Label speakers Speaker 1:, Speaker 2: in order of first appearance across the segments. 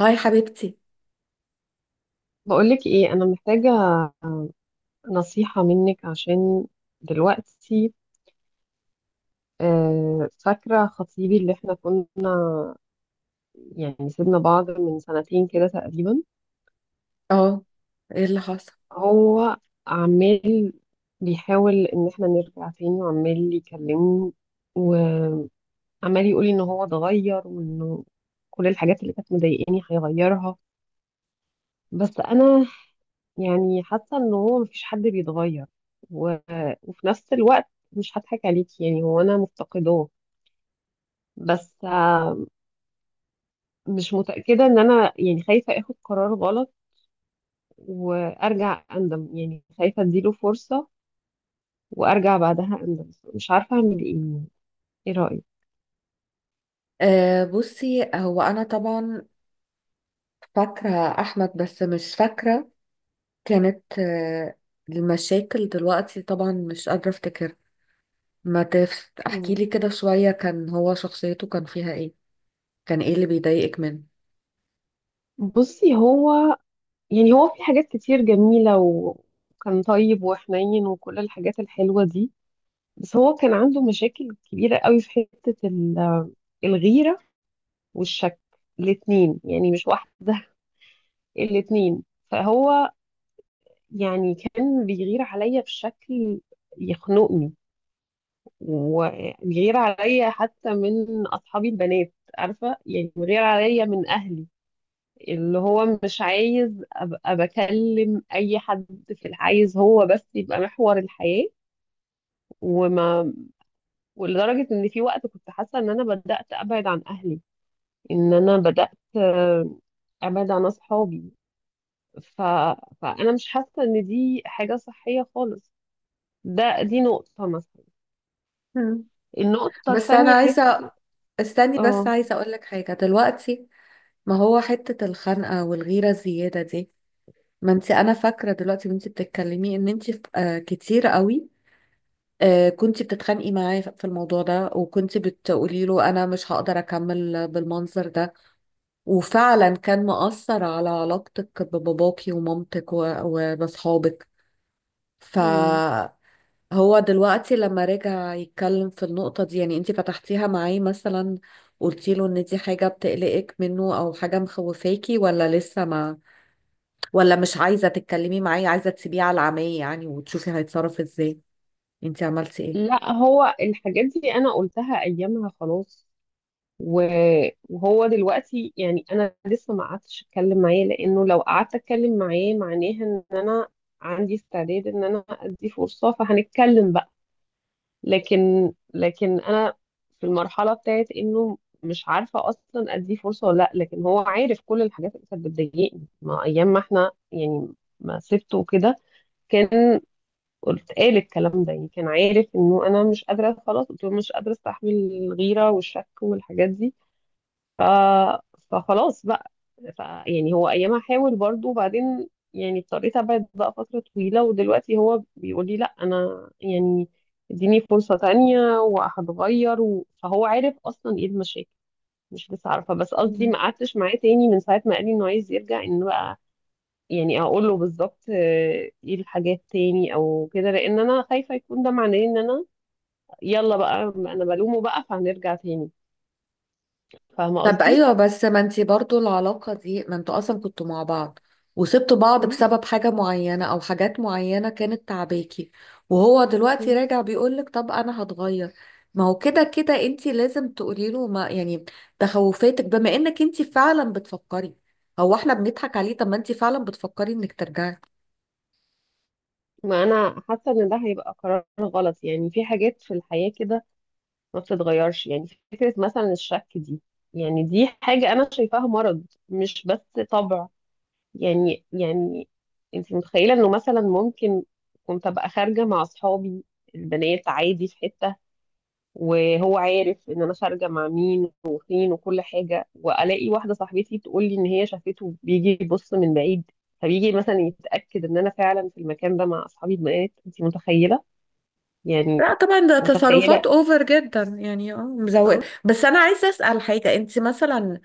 Speaker 1: هاي حبيبتي.
Speaker 2: بقولك ايه؟ انا محتاجة نصيحة منك عشان دلوقتي. فاكرة خطيبي اللي احنا كنا يعني سيبنا بعض من سنتين كده تقريبا.
Speaker 1: اه، ايه اللي حصل؟
Speaker 2: هو عمال بيحاول ان احنا نرجع تاني، وعمال يكلمني، وعمال يقولي ان هو اتغير وانه كل الحاجات اللي كانت مضايقاني هيغيرها. بس انا يعني حاسة ان هو مفيش حد بيتغير، و... وفي نفس الوقت مش هضحك عليك يعني هو انا مفتقداه. بس مش متأكدة، ان انا يعني خايفة اخد قرار غلط وارجع اندم، يعني خايفة اديله فرصة وارجع بعدها اندم. مش عارفة اعمل ايه يعني. ايه رأيك؟
Speaker 1: بصي، هو انا طبعا فاكره احمد، بس مش فاكره كانت المشاكل دلوقتي. طبعا مش قادره افتكر. ما تف... احكي
Speaker 2: مم.
Speaker 1: لي كده شويه، كان هو شخصيته كان فيها ايه؟ كان ايه اللي بيضايقك منه؟
Speaker 2: بصي، هو يعني هو في حاجات كتير جميلة و- وكان طيب وحنين وكل الحاجات الحلوة دي. بس هو كان عنده مشاكل كبيرة قوي في حتة ال- الغيرة والشك، الاتنين يعني مش واحدة الاتنين. فهو يعني كان بيغير عليا بشكل يخنقني، وبيغير عليا حتى من أصحابي البنات، عارفة؟ يعني بيغير عليا من أهلي، اللي هو مش عايز أبقى بكلم أي حد. عايز هو بس يبقى محور الحياة. وما ولدرجة إن في وقت كنت حاسة إن أنا بدأت أبعد عن أهلي، إن أنا بدأت آه، ابعد عن اصحابي. ف... فانا مش حاسه ان دي حاجه صحيه خالص. دي نقطه مثلا.
Speaker 1: مم.
Speaker 2: النقطه
Speaker 1: بس انا
Speaker 2: التانية حته.
Speaker 1: عايزه، استني بس،
Speaker 2: اه.
Speaker 1: عايزه اقول لك حاجه دلوقتي. ما هو حته الخنقه والغيره الزياده دي، ما انت انا فاكره دلوقتي وانت بتتكلمي ان انت كتير قوي، كنتي بتتخانقي معاه في الموضوع ده، وكنتي بتقولي له انا مش هقدر اكمل بالمنظر ده. وفعلا كان مؤثر على علاقتك بباباكي ومامتك وبصحابك.
Speaker 2: مم.
Speaker 1: فهو دلوقتي لما رجع يتكلم في النقطة دي، يعني انتي فتحتيها معاه مثلا؟ قلتي له ان دي حاجة بتقلقك منه او حاجة مخوفاكي؟ ولا لسه ما ولا مش عايزة تتكلمي معاه، عايزة تسيبيه على العمية يعني وتشوفي هيتصرف ازاي؟ انتي عملتي
Speaker 2: لا، هو الحاجات دي انا قلتها ايامها خلاص. و- وهو دلوقتي، يعني انا لسه ما قعدتش اتكلم معاه لانه لو قعدت اتكلم معاه معناها ان انا عندي استعداد ان انا ادي فرصه فهنتكلم بقى. لكن انا في المرحله بتاعت انه مش عارفه اصلا اديه فرصه ولا لا. لكن هو عارف كل الحاجات اللي كانت بتضايقني، ما ايام ما احنا يعني ما سبته وكده، كان قال الكلام ده، يعني كان عارف انه انا مش قادره. خلاص، قلت له مش قادره استحمل الغيره والشك والحاجات دي. ف... فخلاص بقى. يعني هو ايامها حاول برضو، وبعدين يعني اضطريت ابعد بقى فترة طويلة. ودلوقتي هو بيقول لي لا انا يعني اديني فرصة تانية وهتغير، فهو عارف اصلا ايه المشاكل، مش لسه عارفة. بس قصدي،
Speaker 1: ايه؟
Speaker 2: ما قعدتش معاه تاني من ساعة ما قال لي انه عايز يرجع، ان بقى يعني اقول له بالظبط ايه الحاجات تاني او كده، لان انا خايفة يكون ده معناه ان انا يلا بقى انا بلومه بقى فهنرجع تاني. فاهمة
Speaker 1: طب
Speaker 2: قصدي؟
Speaker 1: ايوه، بس ما انتي برضو العلاقة دي، ما انتوا اصلا كنتوا مع بعض وسبتوا بعض بسبب حاجة معينة او حاجات معينة كانت تعباكي. وهو دلوقتي
Speaker 2: مم.
Speaker 1: راجع بيقولك طب انا هتغير. ما هو كده كده انتي لازم تقولي له، ما يعني تخوفاتك، بما انك انتي فعلا بتفكري. هو احنا بنضحك عليه؟ طب ما انتي فعلا بتفكري انك ترجعي.
Speaker 2: ما انا حاسه ان ده هيبقى قرار غلط، يعني في حاجات في الحياه كده ما بتتغيرش، يعني فكره مثلا الشك دي، يعني دي حاجه انا شايفاها مرض مش بس طبع. يعني انت متخيله انه مثلا ممكن كنت ابقى خارجه مع اصحابي البنات عادي في حته، وهو عارف ان انا خارجه مع مين وفين وكل حاجه، والاقي واحده صاحبتي تقول لي ان هي شافته بيجي يبص من بعيد، فبيجي مثلا يتاكد ان انا فعلا في المكان ده مع اصحابي البنات. انت متخيله؟ يعني
Speaker 1: لا طبعا، ده
Speaker 2: متخيلة.
Speaker 1: تصرفات اوفر جدا يعني، اه مزوقة. بس انا عايزه اسال حاجه، انت مثلا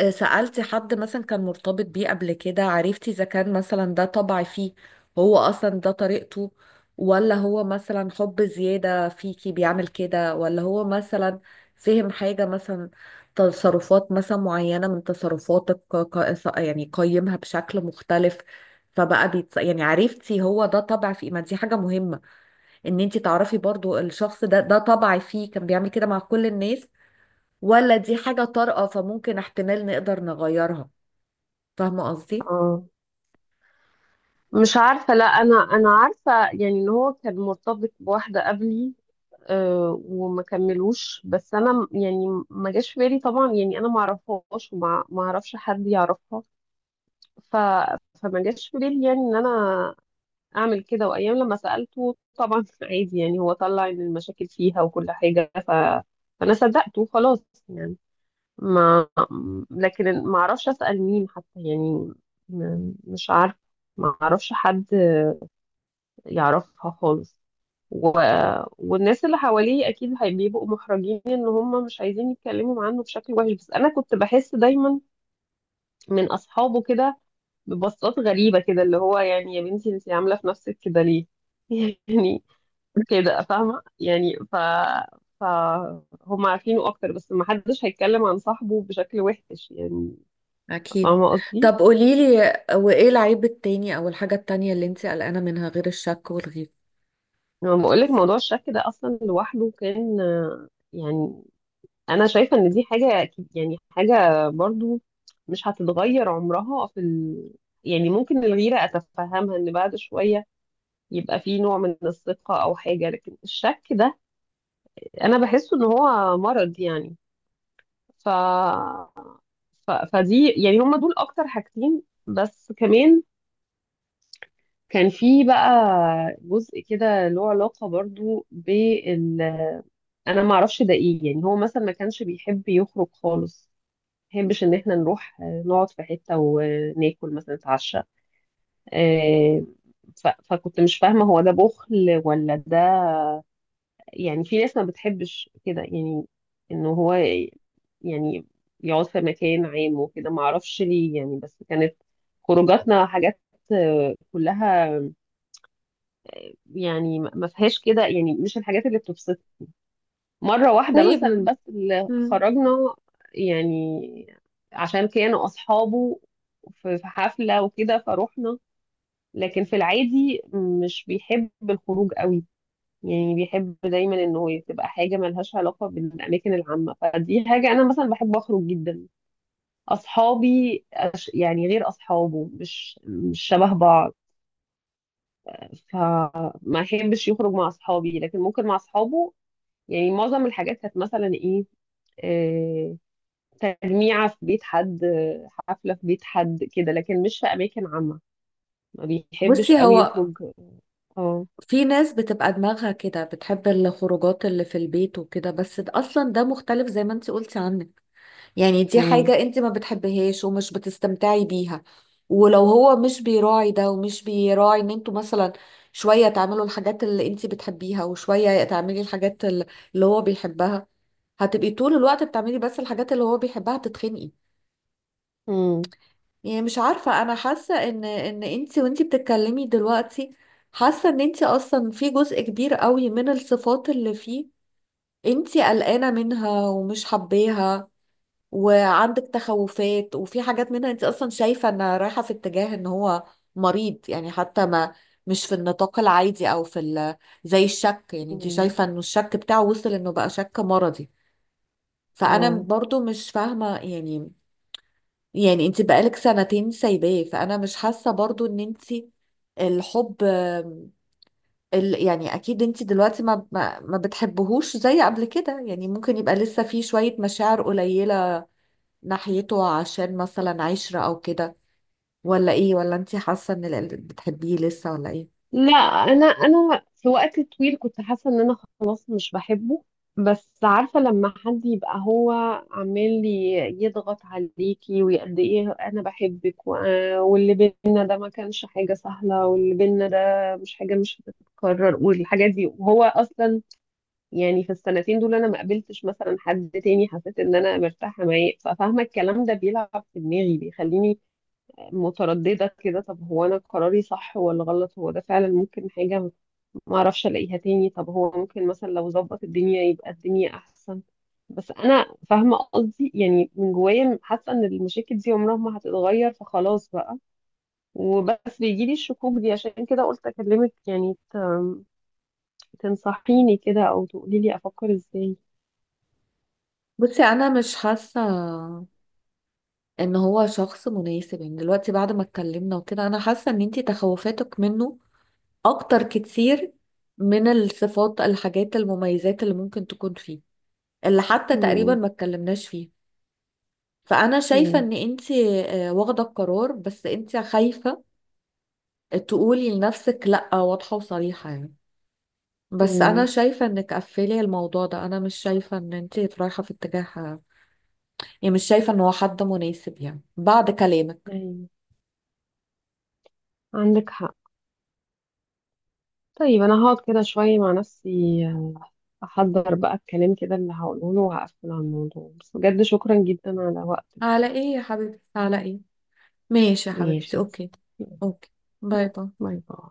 Speaker 1: سألتي حد مثلا كان مرتبط بيه قبل كده، عرفتي إذا كان مثلا ده طبع فيه؟ هو أصلا ده طريقته، ولا هو مثلا حب زيادة فيكي بيعمل كده، ولا هو مثلا فهم حاجة مثلا، تصرفات مثلا معينة من تصرفاتك، يعني قيمها بشكل مختلف؟ يعني عرفتي هو ده طبع فيه؟ ما دي حاجة مهمة ان انت تعرفي برضو الشخص ده، ده طبع فيه كان بيعمل كده مع كل الناس، ولا دي حاجة طارئة فممكن احتمال نقدر نغيرها. فاهمة قصدي؟
Speaker 2: اه، مش عارفة. لا، أنا عارفة يعني إن هو كان مرتبط بواحدة قبلي، أه، وما كملوش. بس أنا يعني ما جاش في بالي طبعا. يعني أنا ما أعرفهاش وما ما أعرفش حد يعرفها، ف فما جاش في بالي يعني إن أنا أعمل كده. وأيام لما سألته طبعا عادي، يعني هو طلع إن المشاكل فيها وكل حاجة، ف فأنا صدقته خلاص يعني. ما لكن ما اعرفش اسال مين حتى، يعني مش عارف، ما اعرفش حد يعرفها خالص. و... والناس اللي حواليه اكيد بيبقوا محرجين ان هم مش عايزين يتكلموا عنه بشكل وحش. بس انا كنت بحس دايما من اصحابه كده ببصات غريبه كده، اللي هو يعني يا بنتي انت عامله في نفسك كده ليه؟ يعني كده فاهمه يعني. ف فهم عارفينه اكتر، بس ما حدش هيتكلم عن صاحبه بشكل وحش يعني.
Speaker 1: اكيد.
Speaker 2: فاهمة قصدي؟
Speaker 1: طب قوليلي، وايه العيب التاني او الحاجة التانية اللي انت قلقانة منها غير الشك والغيره؟
Speaker 2: لما بقول لك موضوع الشك ده أصلا لوحده، كان يعني أنا شايفة إن دي حاجة يعني حاجة برضو مش هتتغير عمرها يعني ممكن الغيرة أتفهمها إن بعد شوية يبقى في نوع من الثقة أو حاجة، لكن الشك ده أنا بحسه إن هو مرض يعني. ف... ف... فدي يعني هما دول أكتر حاجتين. بس كمان كان في بقى جزء كده له علاقة برضو انا ما اعرفش ده ايه يعني. هو مثلا ما كانش بيحب يخرج خالص، ما بيحبش ان احنا نروح نقعد في حته وناكل مثلا نتعشى. آه، ف- فكنت مش فاهمه هو ده بخل ولا ده، يعني في ناس ما بتحبش كده، يعني انه هو يعني يقعد في مكان عام وكده ما اعرفش ليه يعني. بس كانت خروجاتنا حاجات كلها يعني ما فيهاش كده يعني، مش الحاجات اللي بتبسطني. مرة واحدة
Speaker 1: طيب.
Speaker 2: مثلا بس اللي
Speaker 1: مم.
Speaker 2: خرجنا يعني عشان كانوا أصحابه في حفلة وكده، فروحنا. لكن في العادي مش بيحب الخروج قوي. يعني بيحب دايما انه تبقى حاجة ملهاش علاقة بالأماكن العامة. فدي حاجة أنا مثلا بحب أخرج جدا. أصحابي يعني غير أصحابه، مش شبه بعض. فما أحبش يخرج مع أصحابي لكن ممكن مع أصحابه. يعني معظم الحاجات كانت مثلا إيه، آه، تجميعة في بيت حد، حفلة في بيت حد كده، لكن مش في أماكن عامة. ما بيحبش
Speaker 1: بصي
Speaker 2: قوي
Speaker 1: هو،
Speaker 2: يخرج. اه.
Speaker 1: في ناس بتبقى دماغها كده بتحب الخروجات اللي في البيت وكده، بس اصلا ده مختلف زي ما انت قلتي عنك. يعني دي
Speaker 2: مم.
Speaker 1: حاجة انت ما بتحبهاش ومش بتستمتعي بيها. ولو هو مش بيراعي ده ومش بيراعي ان انتوا مثلا شوية تعملوا الحاجات اللي انت بتحبيها وشوية تعملي الحاجات اللي هو بيحبها، هتبقي طول الوقت بتعملي بس الحاجات اللي هو بيحبها تتخنقي.
Speaker 2: مم.
Speaker 1: يعني مش عارفة، انا حاسة ان انت وانت بتتكلمي دلوقتي، حاسة ان انت اصلا في جزء كبير قوي من الصفات اللي فيه انت قلقانة منها ومش حباها، وعندك تخوفات، وفي حاجات منها انت اصلا شايفة ان رايحة في اتجاه ان هو مريض يعني. حتى ما مش في النطاق العادي او في زي الشك، يعني انت
Speaker 2: مم.
Speaker 1: شايفة انه الشك بتاعه وصل انه بقى شك مرضي. فانا
Speaker 2: اه،
Speaker 1: برضو مش فاهمة يعني انت بقالك سنتين سايباه، فانا مش حاسة برضو ان انت الحب يعني اكيد انت دلوقتي ما بتحبهوش زي قبل كده، يعني ممكن يبقى لسه في شوية مشاعر قليلة ناحيته عشان مثلا عشرة او كده، ولا ايه؟ ولا انتي حاسة ان بتحبيه لسه، ولا ايه؟
Speaker 2: لا أنا في وقت طويل كنت حاسة إن أنا خلاص مش بحبه. بس عارفة، لما حد يبقى هو عمال يضغط عليكي وقد إيه أنا بحبك واللي بينا ده ما كانش حاجة سهلة، واللي بينا ده مش حاجة مش هتتكرر والحاجات دي، وهو أصلا يعني في السنتين دول انا ما قابلتش مثلا حد تاني حسيت ان انا مرتاحه معاه. ففاهمه الكلام ده بيلعب في دماغي، بيخليني متردده كده، طب هو انا قراري صح ولا غلط، هو ده فعلا ممكن حاجه ما اعرفش الاقيها تاني، طب هو ممكن مثلا لو ظبط الدنيا يبقى الدنيا احسن. بس انا فاهمه قصدي يعني، من جوايا حاسه ان المشاكل دي عمرها ما هتتغير، فخلاص بقى. وبس بيجيلي الشكوك دي، عشان كده قلت اكلمك يعني تنصحيني كده او تقولي لي افكر ازاي.
Speaker 1: بصي، انا مش حاسة ان هو شخص مناسب يعني. دلوقتي بعد ما اتكلمنا وكده، انا حاسة ان انتي تخوفاتك منه اكتر كتير من الصفات الحاجات المميزات اللي ممكن تكون فيه، اللي حتى تقريبا
Speaker 2: مم.
Speaker 1: ما اتكلمناش فيه. فانا شايفة
Speaker 2: مم.
Speaker 1: ان انتي واخدة القرار، بس انتي خايفة تقولي لنفسك لا واضحة وصريحة يعني. بس انا
Speaker 2: مم.
Speaker 1: شايفه انك قفلي الموضوع ده، انا مش شايفه ان انت رايحه في اتجاه. يعني مش شايفه ان هو حد مناسب يعني بعد كلامك.
Speaker 2: أيوة، عندك حق. طيب، أنا هقعد كده شوية مع نفسي، أحضر بقى الكلام كده اللي هقوله له وهقفل على الموضوع. بس بجد شكرا جدا على وقتك
Speaker 1: على
Speaker 2: كده.
Speaker 1: ايه يا حبيبتي، على ايه؟ ماشي يا حبيبتي،
Speaker 2: ماشي.
Speaker 1: اوكي. اوكي. باي
Speaker 2: باي.
Speaker 1: باي.
Speaker 2: باي.